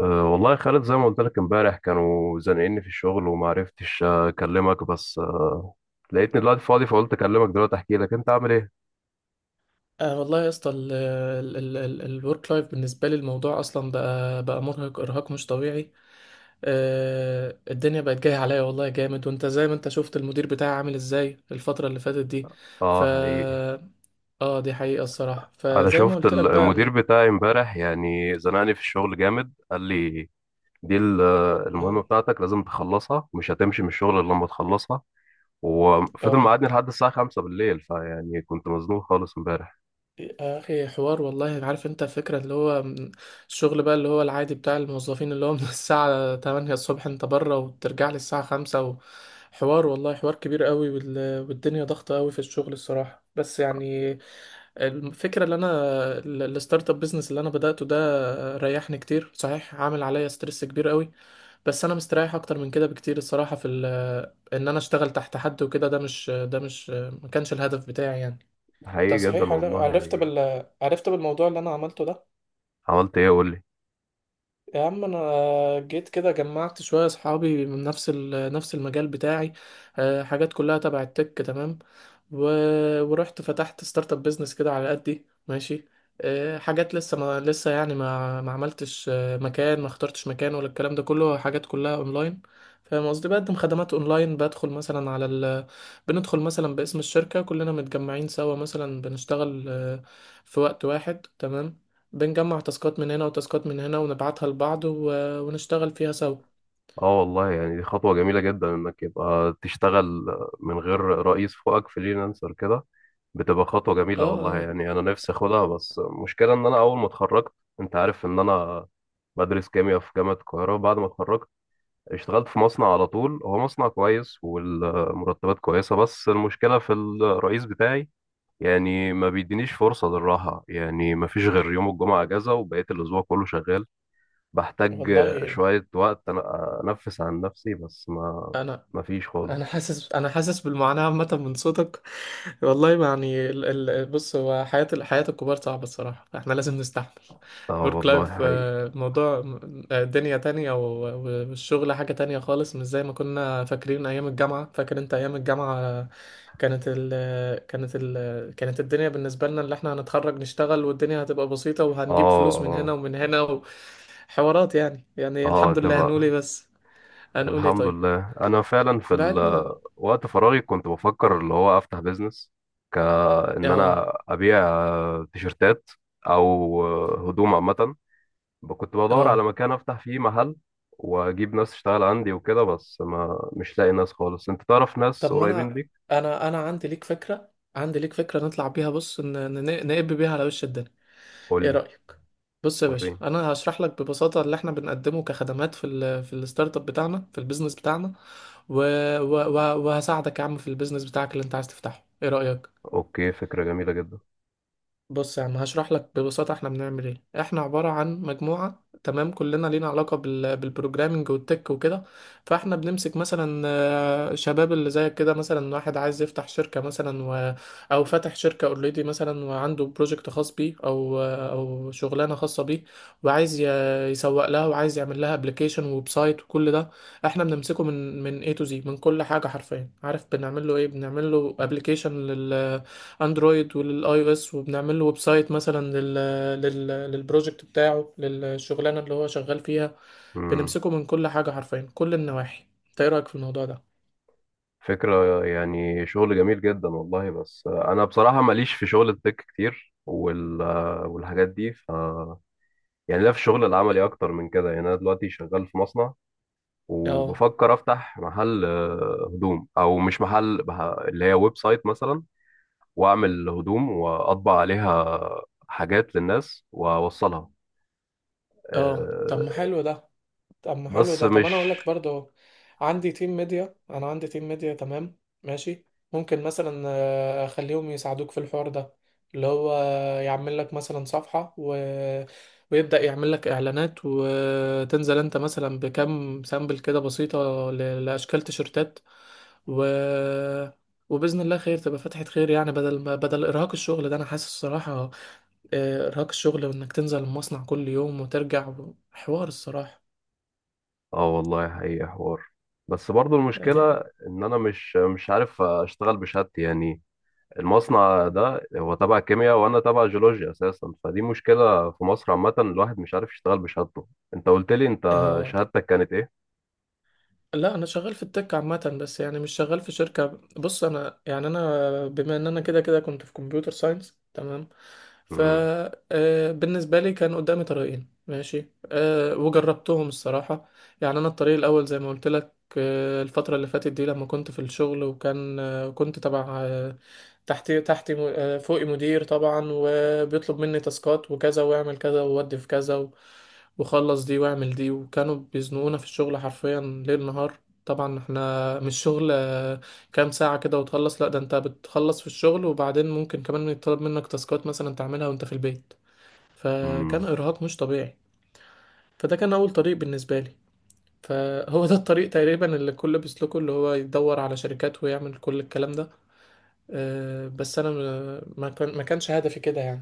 أه، والله يا خالد، زي ما قلت لك امبارح كانوا زنقني في الشغل وما عرفتش اكلمك، بس لقيتني دلوقتي فاضي فقلت اكلمك دلوقتي احكي لك انت عامل ايه. آه والله يا اسطى الورك لايف، بالنسبه لي الموضوع اصلا بقى مرهق ارهاق مش طبيعي. آه الدنيا بقت جايه عليا والله جامد، وانت زي ما انت شفت المدير بتاعي عامل ازاي الفتره اللي فاتت دي. ف اه حقيقي. اه دي حقيقه الصراحه، انا فزي ما شفت قلت لك بقى المدير بتاعي امبارح، يعني زنقني في الشغل جامد، قال لي دي المهمة اه. بتاعتك لازم تخلصها، مش هتمشي من الشغل الا لما تخلصها، وفضل آه. مقعدني لحد الساعة 5 بالليل. فيعني كنت مزنوق خالص امبارح. يا اخي حوار والله، عارف انت الفكره اللي هو الشغل بقى اللي هو العادي بتاع الموظفين، اللي هو من الساعه 8 الصبح انت بره وترجع لي الساعه 5. حوار والله، حوار كبير قوي، والدنيا ضغطه قوي في الشغل الصراحه، بس يعني الفكره اللي انا، الستارت اب بيزنس اللي انا بداته ده ريحني كتير. صحيح عامل عليا ستريس كبير قوي، بس انا مستريح اكتر من كده بكتير الصراحه، في ان انا اشتغل تحت حد وكده. ده مش ما كانش الهدف بتاعي يعني. ده حقيقي جدا صحيح. والله. عرفت بالموضوع اللي انا عملته ده. عملت ايه؟ قول لي. يا عم انا جيت كده جمعت شويه اصحابي من نفس نفس المجال بتاعي، حاجات كلها تبع التك تمام. و... ورحت فتحت ستارت اب بيزنس كده على قدي ماشي. حاجات لسه، ما لسه يعني ما عملتش، مكان ما اخترتش مكان، ولا الكلام ده كله حاجات كلها اونلاين. فاهم قصدي، بقدم خدمات اونلاين. بدخل مثلا على بندخل مثلا باسم الشركه، كلنا متجمعين سوا، مثلا بنشتغل في وقت واحد تمام. بنجمع تاسكات من هنا وتاسكات من هنا ونبعتها لبعض ونشتغل فيها سوا. اه والله، يعني دي خطوة جميلة جدا، انك يبقى تشتغل من غير رئيس فوقك، فريلانسر كده، بتبقى خطوة اه، جميلة والله. اه، يعني انا نفسي اخدها، بس المشكلة ان انا اول ما اتخرجت انت عارف ان انا بدرس كيمياء في جامعة القاهرة. بعد ما اتخرجت اشتغلت في مصنع على طول، هو مصنع كويس والمرتبات كويسة، بس المشكلة في الرئيس بتاعي، يعني ما بيدينيش فرصة للراحة، يعني ما فيش غير يوم الجمعة اجازة وبقية الاسبوع كله شغال. بحتاج والله شوية وقت أنا أنفس عن نفسي، بس ما انا ما فيش انا خالص. حاسس انا حاسس بالمعاناه عامه من صوتك. والله يعني بص، هو حياه حياه الكبار صعبه الصراحه، فاحنا لازم نستحمل اه الورك والله لايف. حقيقي. موضوع، دنيا تانية، والشغل حاجه تانية خالص، مش زي ما كنا فاكرين ايام الجامعه. فاكر انت ايام الجامعه، كانت ال... كانت الدنيا بالنسبه لنا اللي احنا هنتخرج نشتغل، والدنيا هتبقى بسيطه، اه، وهنجيب فلوس من هنا اه، ومن هنا وحوارات يعني اه، الحمد لله، هنقول ايه تبقى بس، هنقول ايه الحمد طيب. لله أنا فعلا في بعدنا. وقت فراغي كنت بفكر اللي هو أفتح بيزنس، كأن اه، أنا أبيع تيشرتات، أو هدوم عامة. كنت بدور على اه. مكان أفتح فيه محل وأجيب ناس تشتغل عندي وكده، بس ما مش لاقي ناس خالص. أنت تعرف ناس طب ما قريبين انا، ليك؟ انا عندي ليك فكره، نطلع بيها. بص نقب بيها على وش الدنيا، ايه قولي. رايك؟ بص يا باشا، وريني. انا هشرح لك ببساطه اللي احنا بنقدمه كخدمات في ال في الستارت اب بتاعنا، في البيزنس بتاعنا، و و و وهساعدك يا عم في البيزنس بتاعك اللي انت عايز تفتحه. ايه رايك؟ أوكي، فكرة جميلة جدا. بص يا عم هشرح لك ببساطة احنا بنعمل ايه. احنا عبارة عن مجموعة تمام، كلنا لينا علاقة بالبروجرامينج والتك وكده. فاحنا بنمسك مثلا، شباب اللي زيك كده، مثلا واحد عايز يفتح شركة مثلا، او فاتح شركة اوريدي مثلا، وعنده بروجكت خاص بيه، او شغلانة خاصة بيه، وعايز يسوق لها، وعايز يعمل لها ابلكيشن، ويب سايت، وكل ده. احنا بنمسكه من A to Z، من كل حاجة حرفيا. عارف بنعمل له ايه؟ بنعمل له ابلكيشن اندرويد وللاي او اس، وبنعمل له ويب سايت مثلا لل لل للبروجكت بتاعه، للشغلانه اللي هو شغال فيها. مم. بنمسكه من كل حاجه حرفيا، كل النواحي. انت ايه رايك في الموضوع ده؟ فكرة، يعني شغل جميل جدا والله، بس أنا بصراحة ماليش في شغل التك كتير والحاجات دي يعني لا، في الشغل العملي أكتر من كده. يعني أنا دلوقتي شغال في مصنع، اه، وبفكر أفتح محل هدوم، أو مش محل اللي هي ويب سايت مثلا، وأعمل هدوم وأطبع عليها حاجات للناس وأوصلها. اه. طب ما آه، حلو ده طب ما حلو بس ده طب انا مش. اقول لك برضو، عندي تيم ميديا انا عندي تيم ميديا تمام ماشي. ممكن مثلا، اخليهم يساعدوك في الحوار ده، اللي هو يعمل لك مثلا صفحة، ويبدأ يعمل لك اعلانات، وتنزل انت مثلا بكم سامبل كده بسيطة لاشكال تيشرتات، و... وبإذن الله خير تبقى فتحة خير يعني. بدل ما إرهاق الشغل ده، أنا حاسس الصراحة إرهاق الشغل وإنك تنزل المصنع كل يوم وترجع، حوار الصراحة اه والله حقيقة حوار، بس برضو دي. المشكلة ان انا مش عارف اشتغل بشهادتي، يعني المصنع ده هو تبع كيمياء وانا تبع جيولوجيا اساسا، فدي مشكلة في مصر عامة، الواحد مش عارف يشتغل بشهادته. انت قلت لي انت اه. شهادتك كانت ايه؟ لا انا شغال في التك عامه، بس يعني مش شغال في شركه. بص انا يعني، انا بما ان انا كده كده كنت في كمبيوتر ساينس تمام. ف امم، بالنسبه لي كان قدامي طريقين ماشي، وجربتهم الصراحه. يعني انا الطريق الاول زي ما قلت لك، الفتره اللي فاتت دي لما كنت في الشغل، وكان كنت تبع تحتي تحتي فوقي مدير طبعا، بيطلب مني تاسكات وكذا، واعمل كذا، وودي في كذا، وخلص دي واعمل دي. وكانوا بيزنقونا في الشغل حرفيا ليل نهار. طبعا احنا مش شغل كام ساعة كده وتخلص، لا ده انت بتخلص في الشغل، وبعدين ممكن كمان يطلب منك تاسكات مثلا تعملها وانت في البيت، فكان امم. ارهاق مش طبيعي. فده كان اول طريق بالنسبة لي، فهو ده الطريق تقريبا اللي الكل بيسلكه، اللي هو يدور على شركات ويعمل كل الكلام ده، بس انا ما كانش هدفي كده يعني.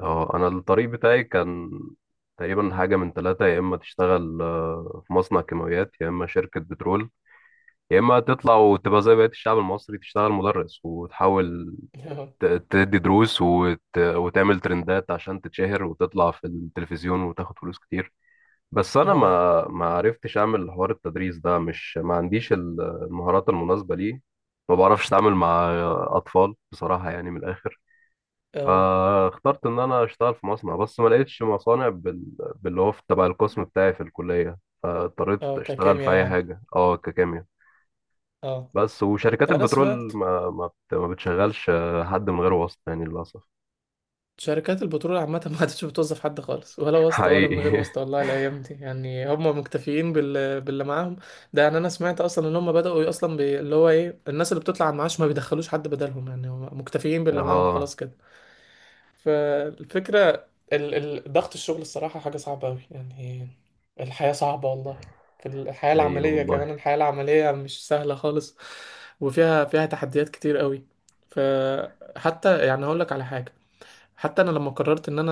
اه، انا الطريق بتاعي كان تقريبا حاجة من ثلاثة، يا اما تشتغل في مصنع كيماويات، يا اما شركة بترول، يا اما تطلع وتبقى زي بقية الشعب المصري تشتغل مدرس، وتحاول تدي دروس وتعمل ترندات عشان تتشهر وتطلع في التلفزيون وتاخد فلوس كتير. بس اه. انا اه. ما عرفتش اعمل حوار التدريس ده، مش ما عنديش المهارات المناسبة ليه. ما بعرفش اتعامل مع اطفال بصراحة، يعني من الاخر. آه. فاخترت ان انا اشتغل في مصنع، بس ما لقيتش مصانع باللي هو تبع القسم بتاعي في الكلية، فاضطريت اه اشتغل ككيمياء في اي يعني، حاجة، اه ككيمياء. اه. بس وشركات ده انا البترول سمعت. ما بتشغلش حد من غير واسطة، يعني للأسف. شركات البترول عامة ما عادتش بتوظف حد خالص، ولا واسطة ولا من غير حقيقي واسطة والله، الأيام دي يعني هم مكتفيين باللي معاهم. ده يعني أنا سمعت أصلا إن هم بدأوا أصلا اللي هو إيه، الناس اللي بتطلع على المعاش ما بيدخلوش حد بدلهم، يعني هم مكتفيين باللي معاهم اه خلاص كده. فالفكرة، ال- ضغط الشغل الصراحة حاجة صعبة أوي يعني. الحياة صعبة والله، في الحياة حقيقي العملية كمان والله. الحياة العملية مش سهلة خالص، وفيها فيها تحديات كتير أوي. فحتى يعني هقولك على حاجة، حتى انا لما قررت ان انا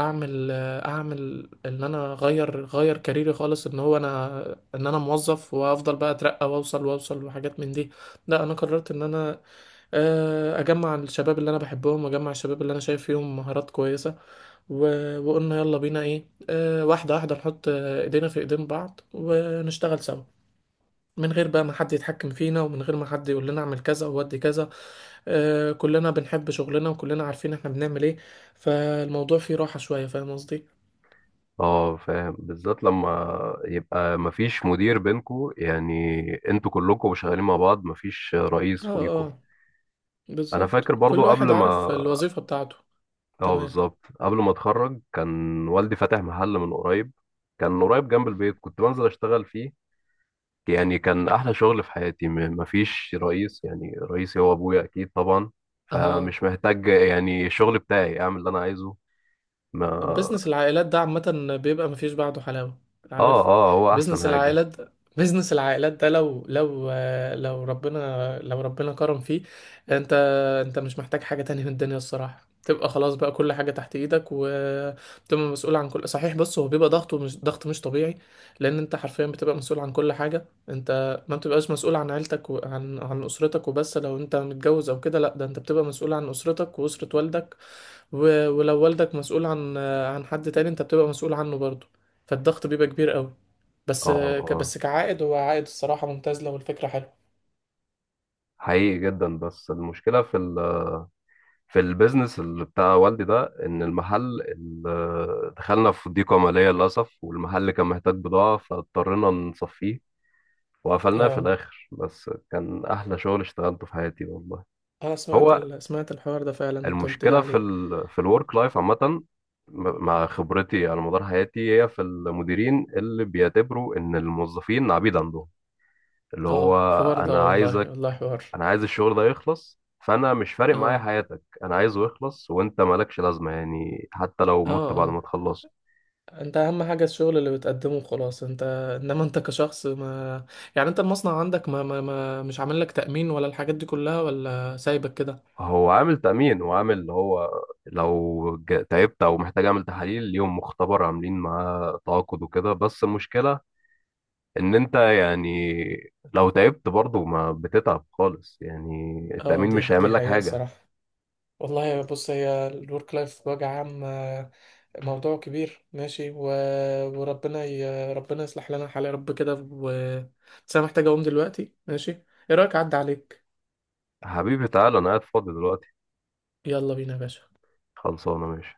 اعمل، ان انا اغير غير كاريري خالص، ان هو انا، ان انا موظف وافضل بقى اترقى واوصل، وحاجات من دي. لا انا قررت ان انا، اجمع الشباب اللي انا بحبهم، واجمع الشباب اللي انا شايف فيهم مهارات كويسة، و... وقلنا يلا بينا ايه، واحدة واحدة، نحط ايدينا في ايدين بعض، ونشتغل سوا من غير بقى ما حد يتحكم فينا، ومن غير ما حد يقول لنا اعمل كذا او ودي كذا. آه كلنا بنحب شغلنا، وكلنا عارفين احنا بنعمل ايه، فالموضوع فيه راحة شوية فاهم قصدي. اه، فاهم، بالذات لما يبقى مفيش مدير بينكو، يعني انتوا كلكم شغالين مع بعض، مفيش رئيس اه، فوقيكوا. اه. انا بالظبط، فاكر كل برضو واحد قبل عارف ما الوظيفة بتاعته. اه تمام. بالظبط قبل ما اتخرج كان والدي فاتح محل من قريب، كان قريب جنب البيت، كنت بنزل اشتغل فيه. يعني كان احلى شغل في حياتي، مفيش رئيس، يعني رئيسي هو ابويا، اكيد طبعا، اه. فمش محتاج، يعني الشغل بتاعي اعمل اللي انا عايزه. ما بزنس العائلات ده عامة بيبقى مفيش بعده حلاوة اه، عارف. اه، هو احسن بزنس حاجة. العائلات، ده لو ربنا ربنا كرم فيه، انت، مش محتاج حاجة تانية من الدنيا الصراحة، تبقى خلاص بقى كل حاجة تحت ايدك، وتبقى مسؤول عن كل، صحيح. بص هو بيبقى ضغطه مش ضغط مش طبيعي، لان انت حرفيا بتبقى مسؤول عن كل حاجة. انت ما بتبقاش مسؤول عن عيلتك وعن اسرتك وبس، لو انت متجوز او كده، لا ده انت بتبقى مسؤول عن اسرتك واسرة والدك، ولو والدك مسؤول عن حد تاني، انت بتبقى مسؤول عنه برضه، فالضغط بيبقى كبير قوي. بس اه، اه، بس كعائد هو عائد الصراحة ممتاز لو الفكرة حلوة. حقيقي جدا. بس المشكلة في ال في البيزنس اللي بتاع والدي ده، ان المحل دخلنا في ضيقة مالية للأسف، والمحل كان محتاج بضاعة، فاضطرينا نصفيه وقفلناه في اه الآخر، بس كان أحلى شغل اشتغلته في حياتي والله. انا سمعت هو سمعت الحوار ده فعلا، انت قلت لي المشكلة في عليه. ال في الورك لايف عامة، مع خبرتي على مدار حياتي، هي في المديرين اللي بيعتبروا إن الموظفين عبيد عندهم، اللي اه هو حوار ده انا والله، عايزك والله حوار. انا عايز الشغل ده يخلص، فانا مش فارق معايا اه، حياتك، انا عايزه يخلص وانت مالكش لازمه، يعني حتى لو اه، مت بعد ما اه. تخلصه. انت اهم حاجة الشغل اللي بتقدمه خلاص، انت، انما انت كشخص، ما يعني انت المصنع عندك ما, ما... ما... مش عامل لك تأمين ولا الحاجات دي كلها، ولا سايبك كده. هو عامل تأمين، وعامل اللي هو لو تعبت او محتاج اعمل تحاليل ليهم مختبر عاملين معاه تعاقد وكده، بس المشكله ان انت، يعني لو تعبت برضه ما بتتعب خالص، يعني اه التأمين دي مش دي هيعمل لك حقيقة حاجه. الصراحة. والله بص هي الورك لايف بوجه عام، موضوع كبير ماشي، وربنا ربنا يصلح لنا الحال يا رب كده، بس انا محتاج اقوم دلوقتي ماشي. ايه رايك اعدي عليك؟ حبيبي تعالى، انا قاعد فاضي دلوقتي، يلا بينا يا باشا. خلصانه، ماشي.